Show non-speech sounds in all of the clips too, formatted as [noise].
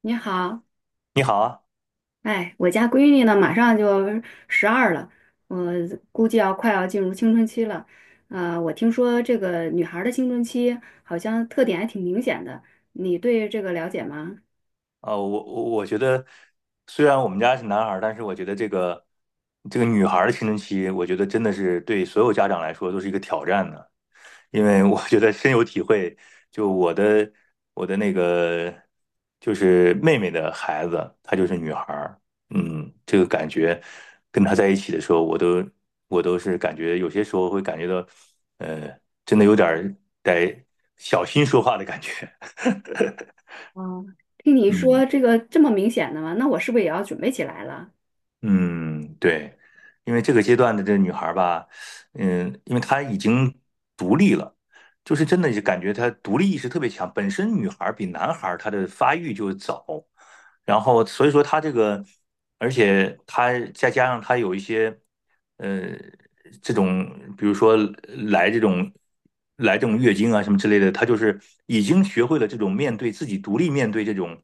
你好，你好啊，哎，我家闺女呢，马上就12了，我估计快要进入青春期了。我听说这个女孩儿的青春期好像特点还挺明显的，你对这个了解吗？我觉得，虽然我们家是男孩儿，但是我觉得这个女孩儿的青春期，我觉得真的是对所有家长来说都是一个挑战的，因为我觉得深有体会。就我的我的那个就是妹妹的孩子，她就是女孩儿。这个感觉跟她在一起的时候，我都是感觉有些时候会感觉到，呃，真的有点儿得小心说话的感觉。哦，听你 [laughs] 嗯。说这个这么明显的吗？那我是不是也要准备起来了？嗯，对，因为这个阶段的这女孩儿吧，因为她已经独立了，就是真的就感觉她独立意识特别强。本身女孩儿比男孩儿她的发育就早，然后所以说她这个，而且她再加上她有一些。呃，这种比如说来这种来这种月经啊什么之类的，他就是已经学会了这种面对自己独立面对这种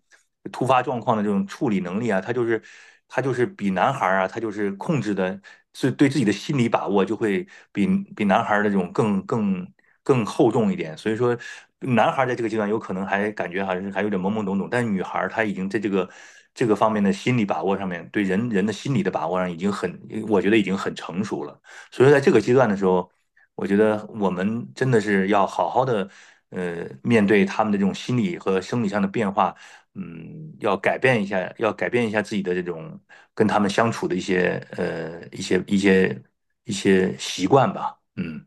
突发状况的这种处理能力啊，他就是比男孩儿啊，他就是控制的是对自己的心理把握就会比男孩儿的这种更厚重一点，所以说男孩儿在这个阶段有可能还感觉还是还有点懵懵懂懂，但是女孩儿她已经在这个方面的心理把握上面，对人人的心理的把握上已经很，我觉得已经很成熟了。所以说在这个阶段的时候，我觉得我们真的是要好好的面对他们的这种心理和生理上的变化。要改变一下自己的这种跟他们相处的一些习惯吧。嗯。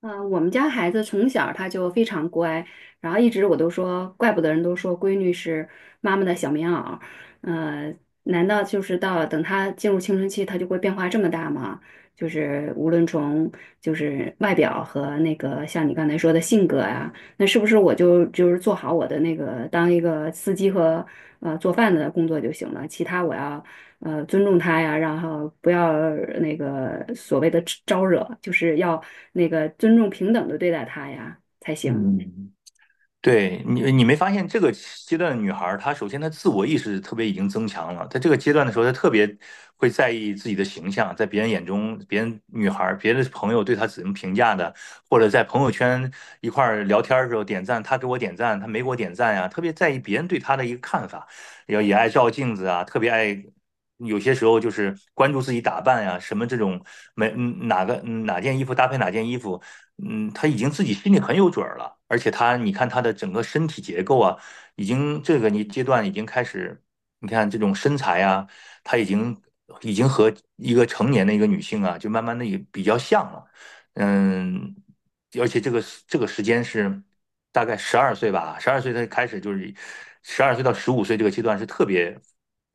嗯，我们家孩子从小他就非常乖，然后一直我都说，怪不得人都说闺女是妈妈的小棉袄。嗯，难道就是到等他进入青春期，他就会变化这么大吗？就是无论从外表和那个像你刚才说的性格啊，那是不是我就做好我的那个当一个司机和做饭的工作就行了？其他我要尊重他呀，然后不要那个所谓的招惹，就是要那个尊重平等的对待他呀才行。嗯。对，你没发现这个阶段的女孩儿，她首先她自我意识特别已经增强了。在这个阶段的时候，她特别会在意自己的形象，在别人眼中，别人女孩儿、别的朋友对她怎么评价的，或者在朋友圈一块儿聊天儿的时候点赞，她给我点赞，她没给我点赞呀，特别在意别人对她的一个看法。然后也爱照镜子啊，特别爱。有些时候就是关注自己打扮呀，什么这种没嗯哪个嗯哪件衣服搭配哪件衣服。他已经自己心里很有准儿了，而且他，你看他的整个身体结构啊，已经这个你阶段已经开始，你看这种身材啊，他已经和一个成年的一个女性啊，就慢慢的也比较像了。嗯，而且这个这个时间是大概十二岁吧，十二岁他开始就是十二岁到15岁这个阶段是特别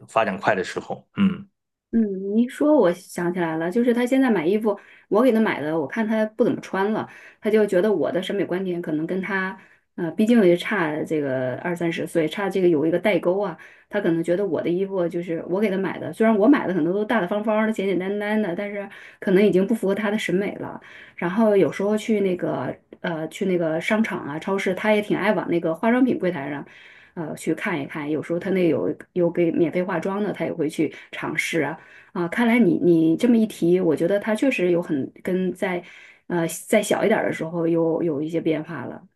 发展快的时候。嗯。嗯，你说我想起来了，就是他现在买衣服，我给他买的，我看他不怎么穿了，他就觉得我的审美观点可能跟他，呃，毕竟也差这个20到30岁，差这个有一个代沟啊，他可能觉得我的衣服就是我给他买的，虽然我买的可能都大大方方的、简简单单的，但是可能已经不符合他的审美了。然后有时候去那个去那个商场啊、超市，他也挺爱往那个化妆品柜台上。呃，去看一看，有时候他那有给免费化妆的，他也会去尝试啊。啊，看来你这么一提，我觉得他确实有很跟在再小一点儿的时候有一些变化了。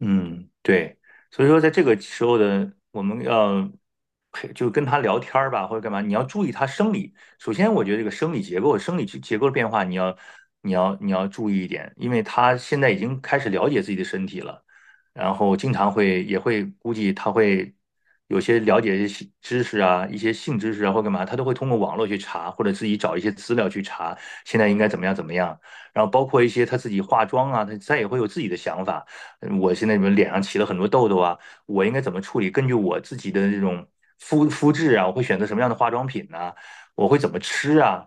嗯，对，所以说在这个时候的我们要陪，就跟他聊天儿吧，或者干嘛，你要注意他生理。首先，我觉得这个生理结构、生理结构的变化，你要注意一点，因为他现在已经开始了解自己的身体了，然后经常会也会估计他会有些了解一些知识啊，一些性知识啊或干嘛，他都会通过网络去查，或者自己找一些资料去查，现在应该怎么样怎么样。然后包括一些他自己化妆啊，他也会有自己的想法。我现在你们脸上起了很多痘痘啊，我应该怎么处理？根据我自己的这种肤质啊，我会选择什么样的化妆品呢、我会怎么吃啊？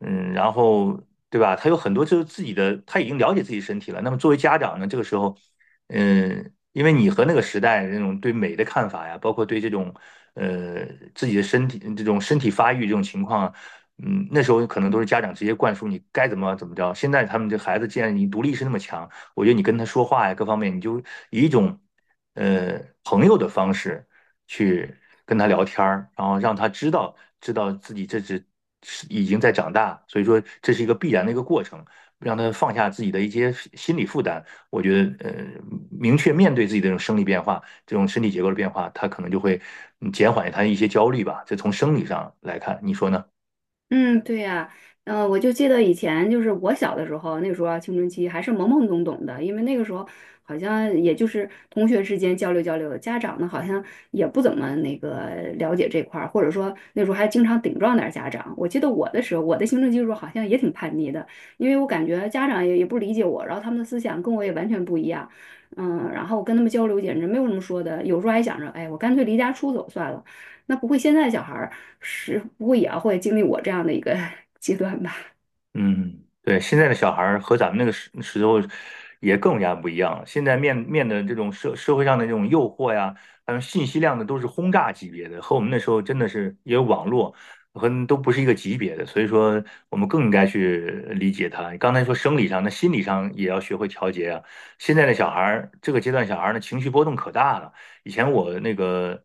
然后对吧？他有很多就是自己的，他已经了解自己身体了。那么作为家长呢，这个时候，因为你和那个时代那种对美的看法呀，包括对这种呃自己的身体这种身体发育这种情况啊。那时候可能都是家长直接灌输你该怎么怎么着。现在他们这孩子既然你独立意识那么强，我觉得你跟他说话呀，各方面，你就以一种呃朋友的方式去跟他聊天儿，然后让他知道知道自己这只是已经在长大，所以说这是一个必然的一个过程，让他放下自己的一些心理负担。我觉得明确面对自己的这种生理变化、这种身体结构的变化，他可能就会减缓他一些焦虑吧。这从生理上来看，你说呢？嗯，对呀，嗯、我就记得以前就是我小的时候，那个时候啊青春期还是懵懵懂懂的，因为那个时候好像也就是同学之间交流交流，家长呢好像也不怎么那个了解这块儿，或者说那时候还经常顶撞点儿家长。我记得我的时候，我的青春期的时候好像也挺叛逆的，因为我感觉家长也不理解我，然后他们的思想跟我也完全不一样，嗯，然后我跟他们交流简直没有什么说的，有时候还想着，哎，我干脆离家出走算了。那不会现在小孩儿是不会也要会经历我这样的一个 [laughs] 阶段吧？嗯，对，现在的小孩儿和咱们那个时候也更加不一样了。现在面的这种社会上的这种诱惑呀，还有信息量的都是轰炸级别的，和我们那时候真的是也有网络和都不是一个级别的。所以说，我们更应该去理解他。刚才说生理上，那心理上也要学会调节啊。现在的小孩儿，这个阶段小孩儿的情绪波动可大了。以前我那个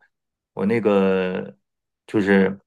我那个。就是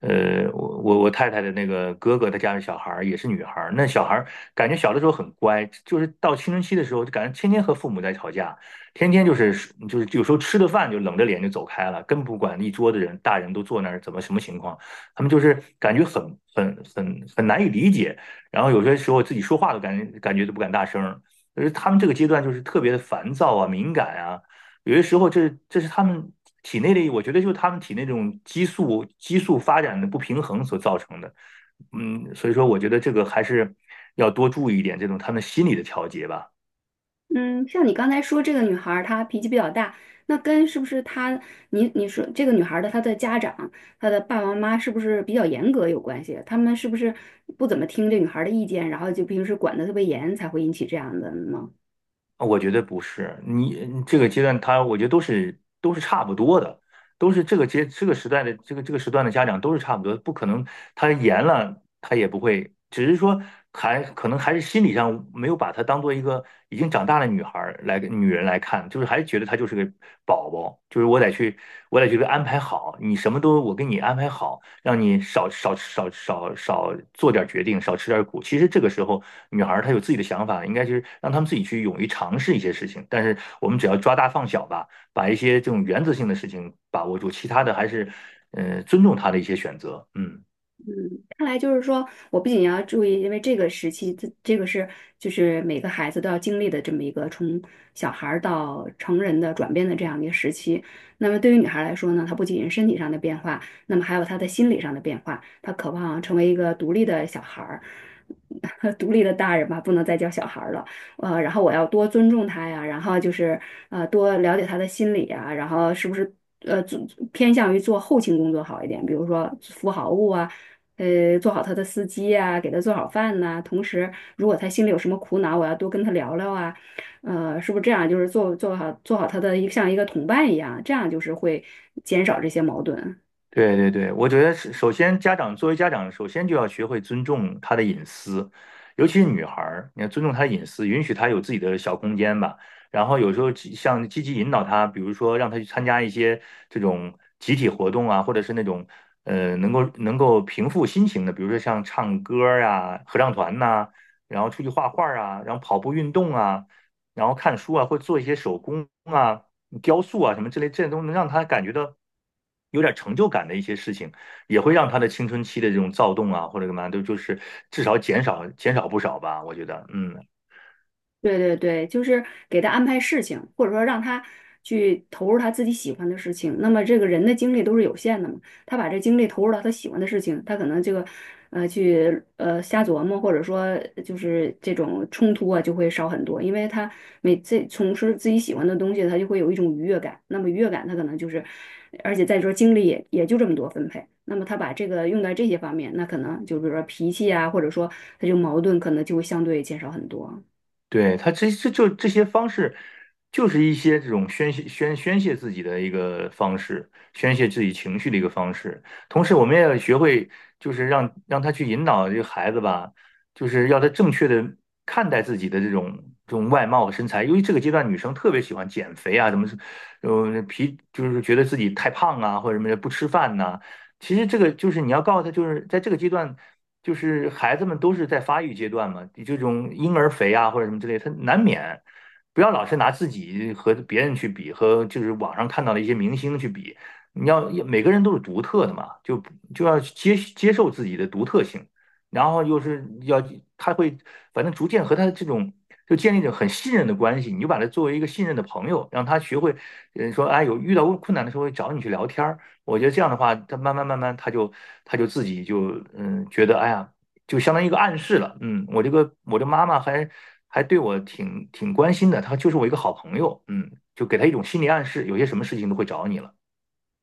我太太的那个哥哥，他家的小孩儿也是女孩儿，那小孩儿感觉小的时候很乖，就是到青春期的时候，就感觉天天和父母在吵架，天天就是有时候吃的饭就冷着脸就走开了，根本不管一桌子人，大人都坐那儿，怎么什么情况，他们就是感觉很难以理解。然后有些时候自己说话都感觉都不敢大声儿，就是他们这个阶段就是特别的烦躁啊、敏感啊。有些时候这是他们体内的，我觉得就是他们体内这种激素发展的不平衡所造成的。所以说我觉得这个还是要多注意一点这种他们心理的调节吧。嗯，像你刚才说这个女孩儿她脾气比较大，那跟是不是她你说这个女孩儿的她的家长她的爸爸妈妈是不是比较严格有关系？他们是不是不怎么听这女孩儿的意见，然后就平时管得特别严，才会引起这样的呢？我觉得不是，你你这个阶段他，我觉得都是差不多的，都是这个阶这个时代的这个时段的家长都是差不多，不可能他严了他也不会，只是说还可能还是心理上没有把她当做一个已经长大的女孩儿来女人来看，就是还觉得她就是个宝宝，就是我得去给她安排好，你什么都我给你安排好，让你少做点决定，少吃点苦。其实这个时候，女孩儿她有自己的想法，应该就是让她们自己去勇于尝试一些事情。但是我们只要抓大放小吧，把一些这种原则性的事情把握住，其他的还是，尊重她的一些选择。嗯。看来就是说，我不仅要注意，因为这个时期，这个是就是每个孩子都要经历的这么一个从小孩儿到成人的转变的这样的一个时期。那么对于女孩来说呢，她不仅是身体上的变化，那么还有她的心理上的变化，她渴望成为一个独立的小孩儿，[laughs] 独立的大人吧，不能再叫小孩儿了。呃，然后我要多尊重他呀，然后就是多了解他的心理啊，然后是不是做偏向于做后勤工作好一点，比如说服好务啊，做好他的司机啊，给他做好饭呐、同时，如果他心里有什么苦恼，我要多跟他聊聊啊，呃，是不是这样？就是做好他的一像一个同伴一样，这样就是会减少这些矛盾。对对对，我觉得是首先家长作为家长，首先就要学会尊重她的隐私，尤其是女孩儿，你要尊重她的隐私，允许她有自己的小空间吧。然后有时候积极引导她，比如说让她去参加一些这种集体活动啊，或者是那种能够平复心情的，比如说像唱歌儿啊、合唱团呐、然后出去画画儿啊，然后跑步运动啊，然后看书啊，或者做一些手工啊。雕塑啊什么之类，这些种能让他感觉到有点成就感的一些事情，也会让他的青春期的这种躁动啊或者干嘛都就是至少减少不少吧，我觉得。嗯，对对对，就是给他安排事情，或者说让他去投入他自己喜欢的事情。那么这个人的精力都是有限的嘛，他把这精力投入到他喜欢的事情，他可能这个去瞎琢磨，或者说就是这种冲突啊就会少很多，因为他每次从事自己喜欢的东西，他就会有一种愉悦感。那么愉悦感，他可能就是，而且再说精力也就这么多分配。那么他把这个用在这些方面，那可能就比如说脾气啊，或者说他就矛盾，可能就会相对减少很多。对，他这就这些方式，就是一些这种宣泄自己的一个方式，宣泄自己情绪的一个方式。同时，我们也要学会，就是让他去引导这个孩子吧，就是要他正确的看待自己的这种外貌和身材。由于这个阶段女生特别喜欢减肥啊，什么是，皮就是觉得自己太胖啊，或者什么不吃饭呐、其实这个就是你要告诉他，就是在这个阶段，就是孩子们都是在发育阶段嘛，这种婴儿肥啊或者什么之类，他难免不要老是拿自己和别人去比，和就是网上看到的一些明星去比。你要每个人都是独特的嘛，就要接受自己的独特性，然后又是要他会反正逐渐和他这种就建立一种很信任的关系，你就把他作为一个信任的朋友，让他学会，说哎有遇到困难的时候会找你去聊天儿。我觉得这样的话，他慢慢，他就自己就觉得哎呀，就相当于一个暗示了。嗯，我这个我的妈妈还对我挺关心的，她就是我一个好朋友。嗯，就给她一种心理暗示，有些什么事情都会找你了。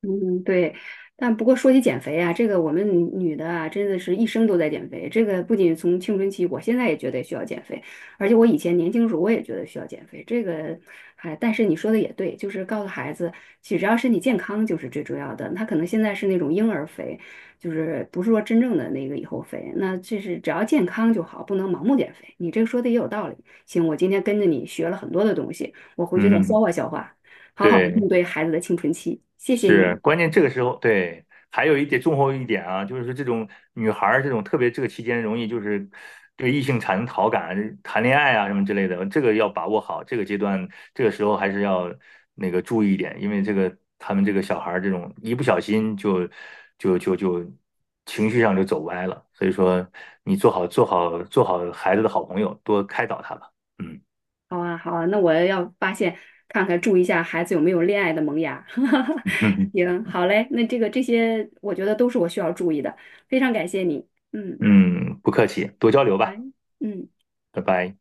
嗯，对，但不过说起减肥啊，这个我们女的啊，真的是一生都在减肥。这个不仅从青春期，我现在也觉得需要减肥，而且我以前年轻时候我也觉得需要减肥。这个，哎，但是你说的也对，就是告诉孩子，其实只要身体健康就是最重要的。他可能现在是那种婴儿肥，就是不是说真正的那个以后肥，那这是只要健康就好，不能盲目减肥。你这个说的也有道理。行，我今天跟着你学了很多的东西，我回去再消嗯，化消化，好好的应对，对孩子的青春期。谢谢是，你。关键这个时候，对，还有一点重后一点啊，就是说这种女孩儿这种特别这个期间容易就是对异性产生好感、谈恋爱啊什么之类的，这个要把握好，这个阶段这个时候还是要那个注意一点，因为这个他们这个小孩儿这种一不小心就情绪上就走歪了，所以说你做好孩子的好朋友，多开导他吧。嗯。 好啊，好啊，那我要发现看看，注意一下孩子有没有恋爱的萌芽。[laughs] [laughs] 嗯行，好嘞，那这个这些我觉得都是我需要注意的，非常感谢你。嗯嗯，不客气，多交流来。吧，嗯。拜拜。